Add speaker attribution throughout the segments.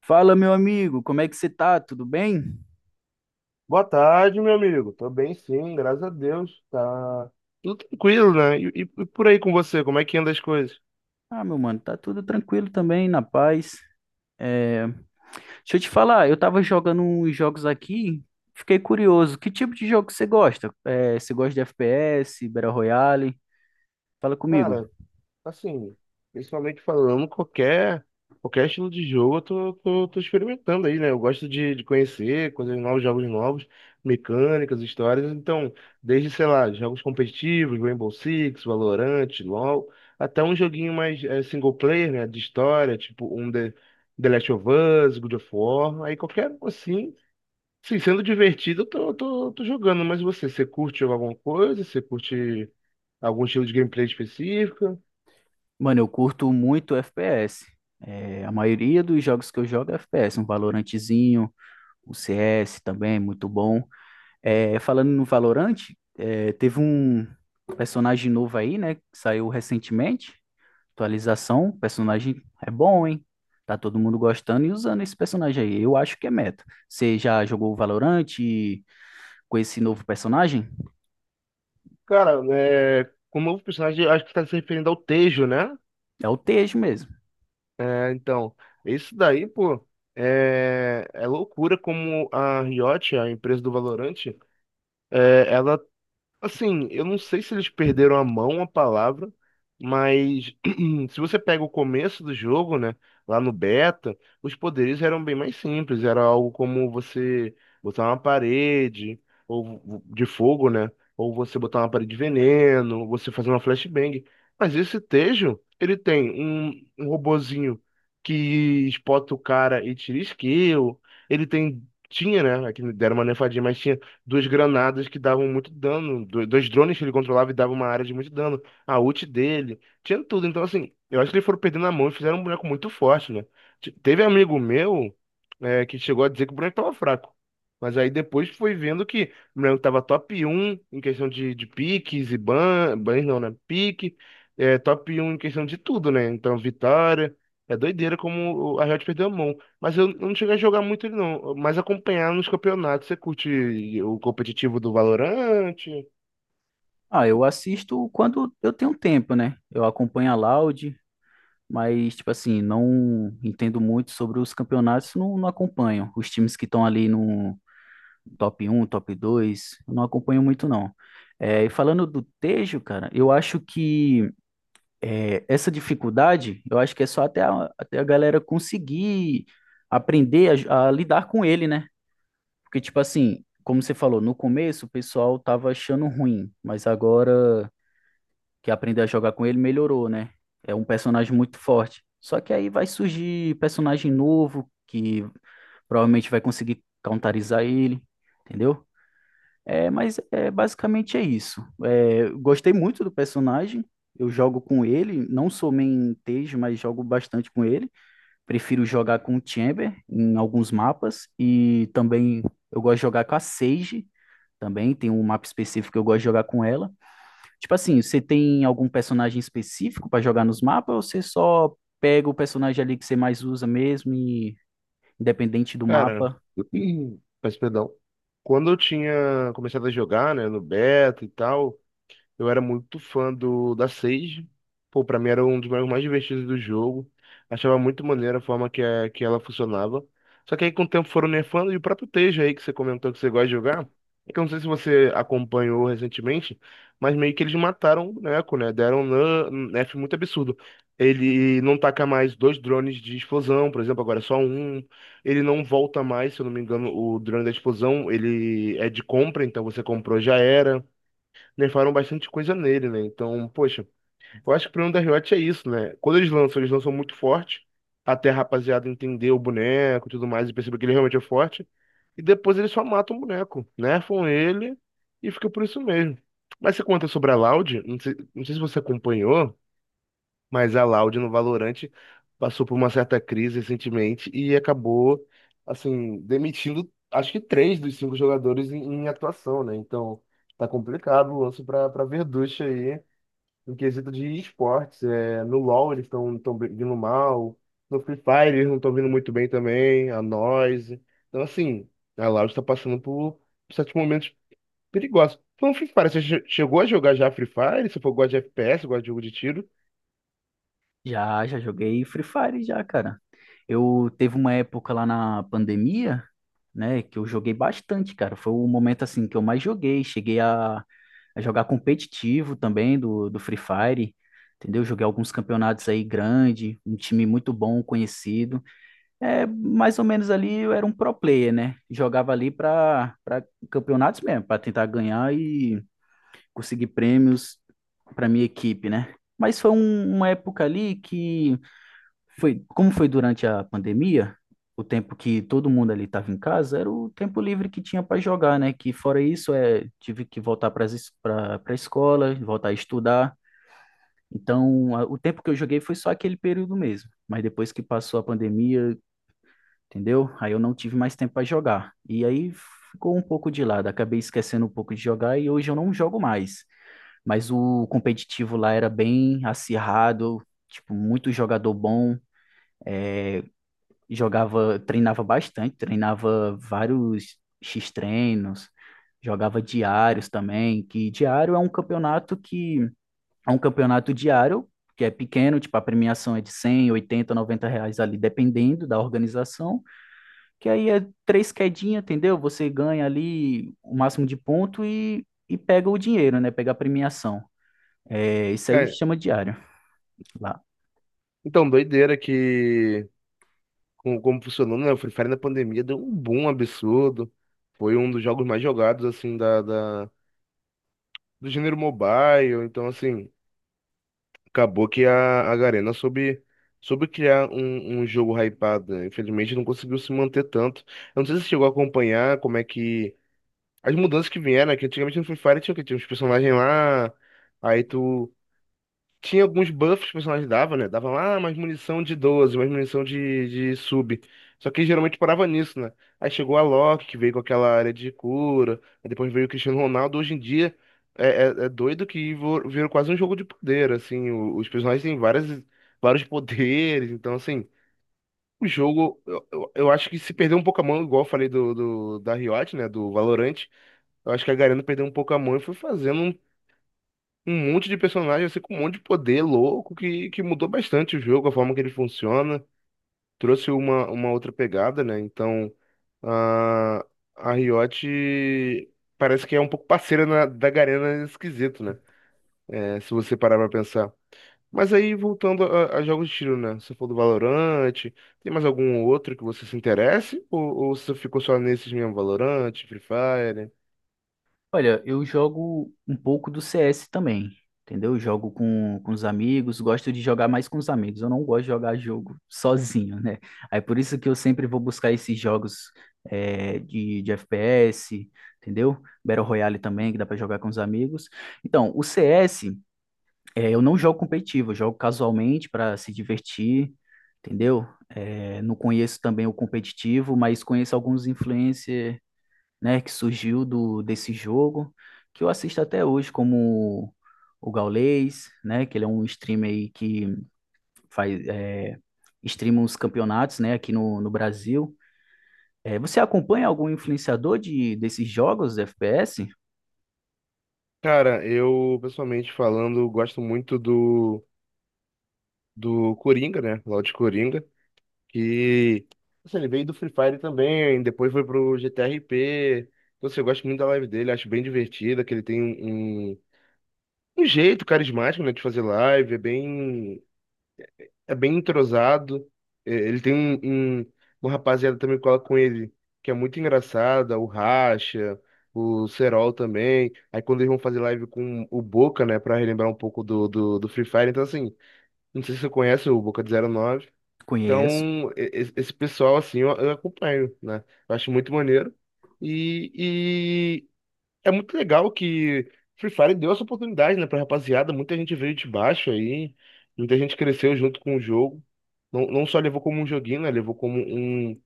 Speaker 1: Fala, meu amigo, como é que você tá? Tudo bem?
Speaker 2: Boa tarde, meu amigo. Tô bem, sim, graças a Deus. Tá tudo tranquilo, né? E por aí com você, como é que anda as coisas?
Speaker 1: Ah, meu mano, tá tudo tranquilo também, na paz. É, Deixa eu te falar, eu tava jogando uns jogos aqui, fiquei curioso. Que tipo de jogo você gosta? Você gosta de FPS, Battle Royale? Fala comigo.
Speaker 2: Cara, assim, principalmente falando qualquer estilo de jogo, eu tô experimentando aí, né? Eu gosto de conhecer coisas novas, jogos novos, mecânicas, histórias. Então, desde, sei lá, jogos competitivos, Rainbow Six, Valorant, LoL, até um joguinho mais single player, né? De história, tipo um The Last of Us, God of War, aí qualquer um assim. Sim, sendo divertido, eu tô jogando, mas você curte jogar alguma coisa? Você curte algum estilo de gameplay específico?
Speaker 1: Mano, eu curto muito FPS. A maioria dos jogos que eu jogo é FPS, um Valorantezinho, um CS também, muito bom. Falando no Valorant, teve um personagem novo aí, né? Que saiu recentemente. Atualização. Personagem é bom, hein? Tá todo mundo gostando e usando esse personagem aí. Eu acho que é meta. Você já jogou o Valorant com esse novo personagem?
Speaker 2: Cara, com o novo personagem, acho que tá se referindo ao Tejo, né?
Speaker 1: É o Tejo mesmo.
Speaker 2: Então, isso daí, pô, é loucura como a Riot, a empresa do Valorant. É, ela Assim, eu não sei se eles perderam a mão, a palavra, mas se você pega o começo do jogo, né, lá no beta, os poderes eram bem mais simples, era algo como você botar uma parede de fogo, né, ou você botar uma parede de veneno, você fazer uma flashbang. Mas esse Tejo, ele tem um robozinho que espota o cara e tira skill, ele tem tinha, né? Aqui deram uma nerfadinha, mas tinha duas granadas que davam muito dano, dois drones que ele controlava e davam uma área de muito dano, a ult dele, tinha tudo. Então, assim, eu acho que eles foram perdendo a mão e fizeram um boneco muito forte, né? Teve amigo meu, que chegou a dizer que o boneco tava fraco. Mas aí depois foi vendo que o boneco tava top um em questão de piques e bans não, né? Pique, top um em questão de tudo, né? Então, vitória. É doideira como a Riot perdeu a mão. Mas eu não cheguei a jogar muito ele não, mas acompanhar nos campeonatos. Você curte o competitivo do Valorant?
Speaker 1: Ah, eu assisto quando eu tenho tempo, né? Eu acompanho a Loud, mas, tipo assim, não entendo muito sobre os campeonatos, não, não acompanho. Os times que estão ali no top um, top 2, eu não acompanho muito não. É, e falando do Tejo, cara, eu acho que essa dificuldade, eu acho que é só até até a galera conseguir aprender a lidar com ele, né? Porque, tipo assim, como você falou, no começo o pessoal tava achando ruim, mas agora que aprender a jogar com ele melhorou, né? É um personagem muito forte. Só que aí vai surgir personagem novo que provavelmente vai conseguir counterizar ele, entendeu? Basicamente é isso. É, gostei muito do personagem. Eu jogo com ele, não sou main Tej, mas jogo bastante com ele. Prefiro jogar com o Chamber em alguns mapas e também eu gosto de jogar com a Sage. Também tem um mapa específico que eu gosto de jogar com ela. Tipo assim, você tem algum personagem específico para jogar nos mapas ou você só pega o personagem ali que você mais usa mesmo e independente do
Speaker 2: Cara,
Speaker 1: mapa?
Speaker 2: peço perdão. Quando eu tinha começado a jogar, né, no beta e tal, eu era muito fã do da Sage. Pô, pra mim era um dos jogos mais divertidos do jogo. Achava muito maneira a forma que ela funcionava. Só que aí com o tempo foram nerfando e o próprio Tejo aí que você comentou que você gosta de jogar. É que eu não sei se você acompanhou recentemente, mas meio que eles mataram o boneco, né? Deram um nerf muito absurdo. Ele não taca mais dois drones de explosão, por exemplo, agora é só um. Ele não volta mais, se eu não me engano, o drone da explosão, ele é de compra, então você comprou já era nerfaram bastante coisa nele, né? Então, poxa, eu acho que o problema da Riot é isso, né? Quando eles lançam muito forte, até a rapaziada entender o boneco e tudo mais, e perceber que ele realmente é forte. E depois eles só matam o boneco, nerfam ele e fica por isso mesmo. Mas você conta sobre a Loud, não sei se você acompanhou, mas a Loud no Valorant passou por uma certa crise recentemente e acabou, assim, demitindo acho que três dos cinco jogadores em atuação, né? Então tá complicado o lance para Verducci aí no quesito de esportes. No LoL eles estão vindo mal, no Free Fire eles não estão vindo muito bem também, a Noise. Então, assim, a Loud está passando por certos momentos perigosos. Então, Free Fire, você chegou a jogar já Free Fire? Você for gosta de FPS, gosta de jogo de tiro?
Speaker 1: Já, já joguei Free Fire já, cara. Eu teve uma época lá na pandemia, né, que eu joguei bastante, cara. Foi o momento assim que eu mais joguei. Cheguei a jogar competitivo também do Free Fire, entendeu? Joguei alguns campeonatos aí grande, um time muito bom, conhecido. É, mais ou menos ali eu era um pro player, né? Jogava ali para campeonatos mesmo, para tentar ganhar e conseguir prêmios para minha equipe, né? Mas foi uma época ali que foi, como foi durante a pandemia, o tempo que todo mundo ali estava em casa, era o tempo livre que tinha para jogar, né? Que fora isso, é, tive que voltar para a escola, voltar a estudar. Então, o tempo que eu joguei foi só aquele período mesmo. Mas depois que passou a pandemia, entendeu? Aí eu não tive mais tempo para jogar. E aí ficou um pouco de lado, acabei esquecendo um pouco de jogar e hoje eu não jogo mais. Mas o competitivo lá era bem acirrado, tipo, muito jogador bom. É, jogava, treinava bastante, treinava vários X-treinos, jogava diários também, que diário é um campeonato que é um campeonato diário, que é pequeno, tipo a premiação é de cem, oitenta, 90 reais ali, dependendo da organização, que aí é três quedinhas, entendeu? Você ganha ali o máximo de ponto e pega o dinheiro, né? Pega a premiação. É, isso aí
Speaker 2: É,
Speaker 1: chama diário lá.
Speaker 2: Então, doideira que como funcionou, né? O Free Fire na pandemia deu um boom absurdo. Foi um dos jogos mais jogados, assim, do gênero mobile. Então, assim, acabou que a Garena soube criar um jogo hypado, né? Infelizmente, não conseguiu se manter tanto. Eu não sei se você chegou a acompanhar como é que... As mudanças que vieram, né? Que antigamente no Free Fire tinha o quê? Tinha uns personagens lá, aí tu... Tinha alguns buffs que o personagem dava, né? Dava mais munição de 12, mais munição de sub. Só que geralmente parava nisso, né? Aí chegou a Loki, que veio com aquela área de cura. Aí depois veio o Cristiano Ronaldo. Hoje em dia é doido que virou quase um jogo de poder, assim. Os personagens têm vários poderes. Então, assim, o jogo, eu acho que se perdeu um pouco a mão, igual eu falei da Riot, né? Do Valorant. Eu acho que a Garena perdeu um pouco a mão e foi fazendo um monte de personagem, assim, com um monte de poder louco que mudou bastante o jogo, a forma que ele funciona, trouxe uma outra pegada, né? Então, a, a Riot parece que é um pouco parceira da Garena nesse quesito, né? Se você parar pra pensar. Mas aí, voltando a jogos de tiro, né? Você falou do Valorante, tem mais algum outro que você se interesse? Ou você ficou só nesses mesmo, Valorante, Free Fire?
Speaker 1: Olha, eu jogo um pouco do CS também, entendeu? Eu jogo com os amigos, gosto de jogar mais com os amigos. Eu não gosto de jogar jogo sozinho, né? Aí por isso que eu sempre vou buscar esses jogos de FPS, entendeu? Battle Royale também, que dá pra jogar com os amigos. Então, o CS, é, eu não jogo competitivo, eu jogo casualmente para se divertir, entendeu? É, não conheço também o competitivo, mas conheço alguns influencers, né, que surgiu do desse jogo, que eu assisto até hoje como o Gaules, né, que ele é um streamer aí que faz streama os campeonatos, né, aqui no Brasil. É, você acompanha algum influenciador de desses jogos FPS?
Speaker 2: Cara, eu, pessoalmente falando, gosto muito do Coringa, né? Lord Coringa, que assim, ele veio do Free Fire também, depois foi pro GTRP. Então, assim, eu gosto muito da live dele, acho bem divertida, que ele tem um jeito carismático, né, de fazer live, é bem entrosado. Ele tem uma rapaziada também que cola com ele, que é muito engraçada, o Racha, o Serol também. Aí quando eles vão fazer live com o Boca, né, pra relembrar um pouco do Free Fire, então assim, não sei se você conhece o Boca de 09.
Speaker 1: Conheço.
Speaker 2: Então, esse pessoal, assim, eu acompanho, né? Eu acho muito maneiro. E é muito legal que Free Fire deu essa oportunidade, né, pra rapaziada. Muita gente veio de baixo aí, muita gente cresceu junto com o jogo. Não só levou como um joguinho, né? Levou como um,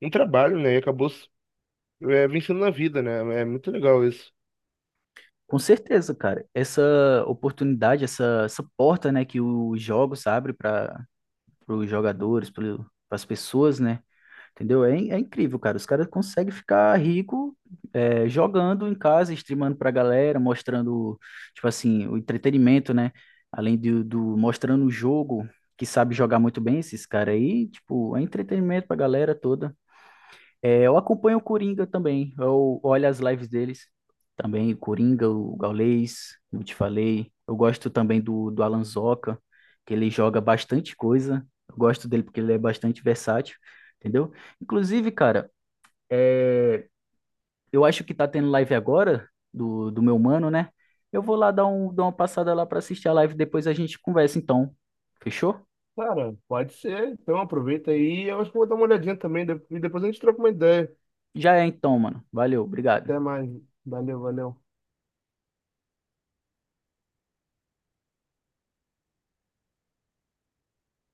Speaker 2: um trabalho, né? E acabou, vencendo na vida, né? É muito legal isso.
Speaker 1: Com certeza, cara. Essa oportunidade, essa porta, né, que os jogos abrem para os jogadores, para as pessoas, né? Entendeu? É, in- é incrível, cara. Os caras conseguem ficar rico é, jogando em casa, streamando pra galera, mostrando, tipo assim, o entretenimento, né? Além do mostrando o jogo, que sabe jogar muito bem esses caras aí, tipo, é entretenimento pra galera toda. É, eu acompanho o Coringa também. Eu olho as lives deles também. O Coringa, o Gaules, como eu te falei. Eu gosto também do Alan Zoca, que ele joga bastante coisa. Eu gosto dele porque ele é bastante versátil, entendeu? Inclusive, cara, é, eu acho que tá tendo live agora do meu mano, né? Eu vou lá dar, um, dar uma passada lá pra assistir a live. Depois a gente conversa, então. Fechou?
Speaker 2: Cara, pode ser. Então aproveita aí. Eu acho que vou dar uma olhadinha também. E depois a gente troca uma ideia.
Speaker 1: Já é então, mano. Valeu, obrigado.
Speaker 2: Até mais. Valeu, valeu.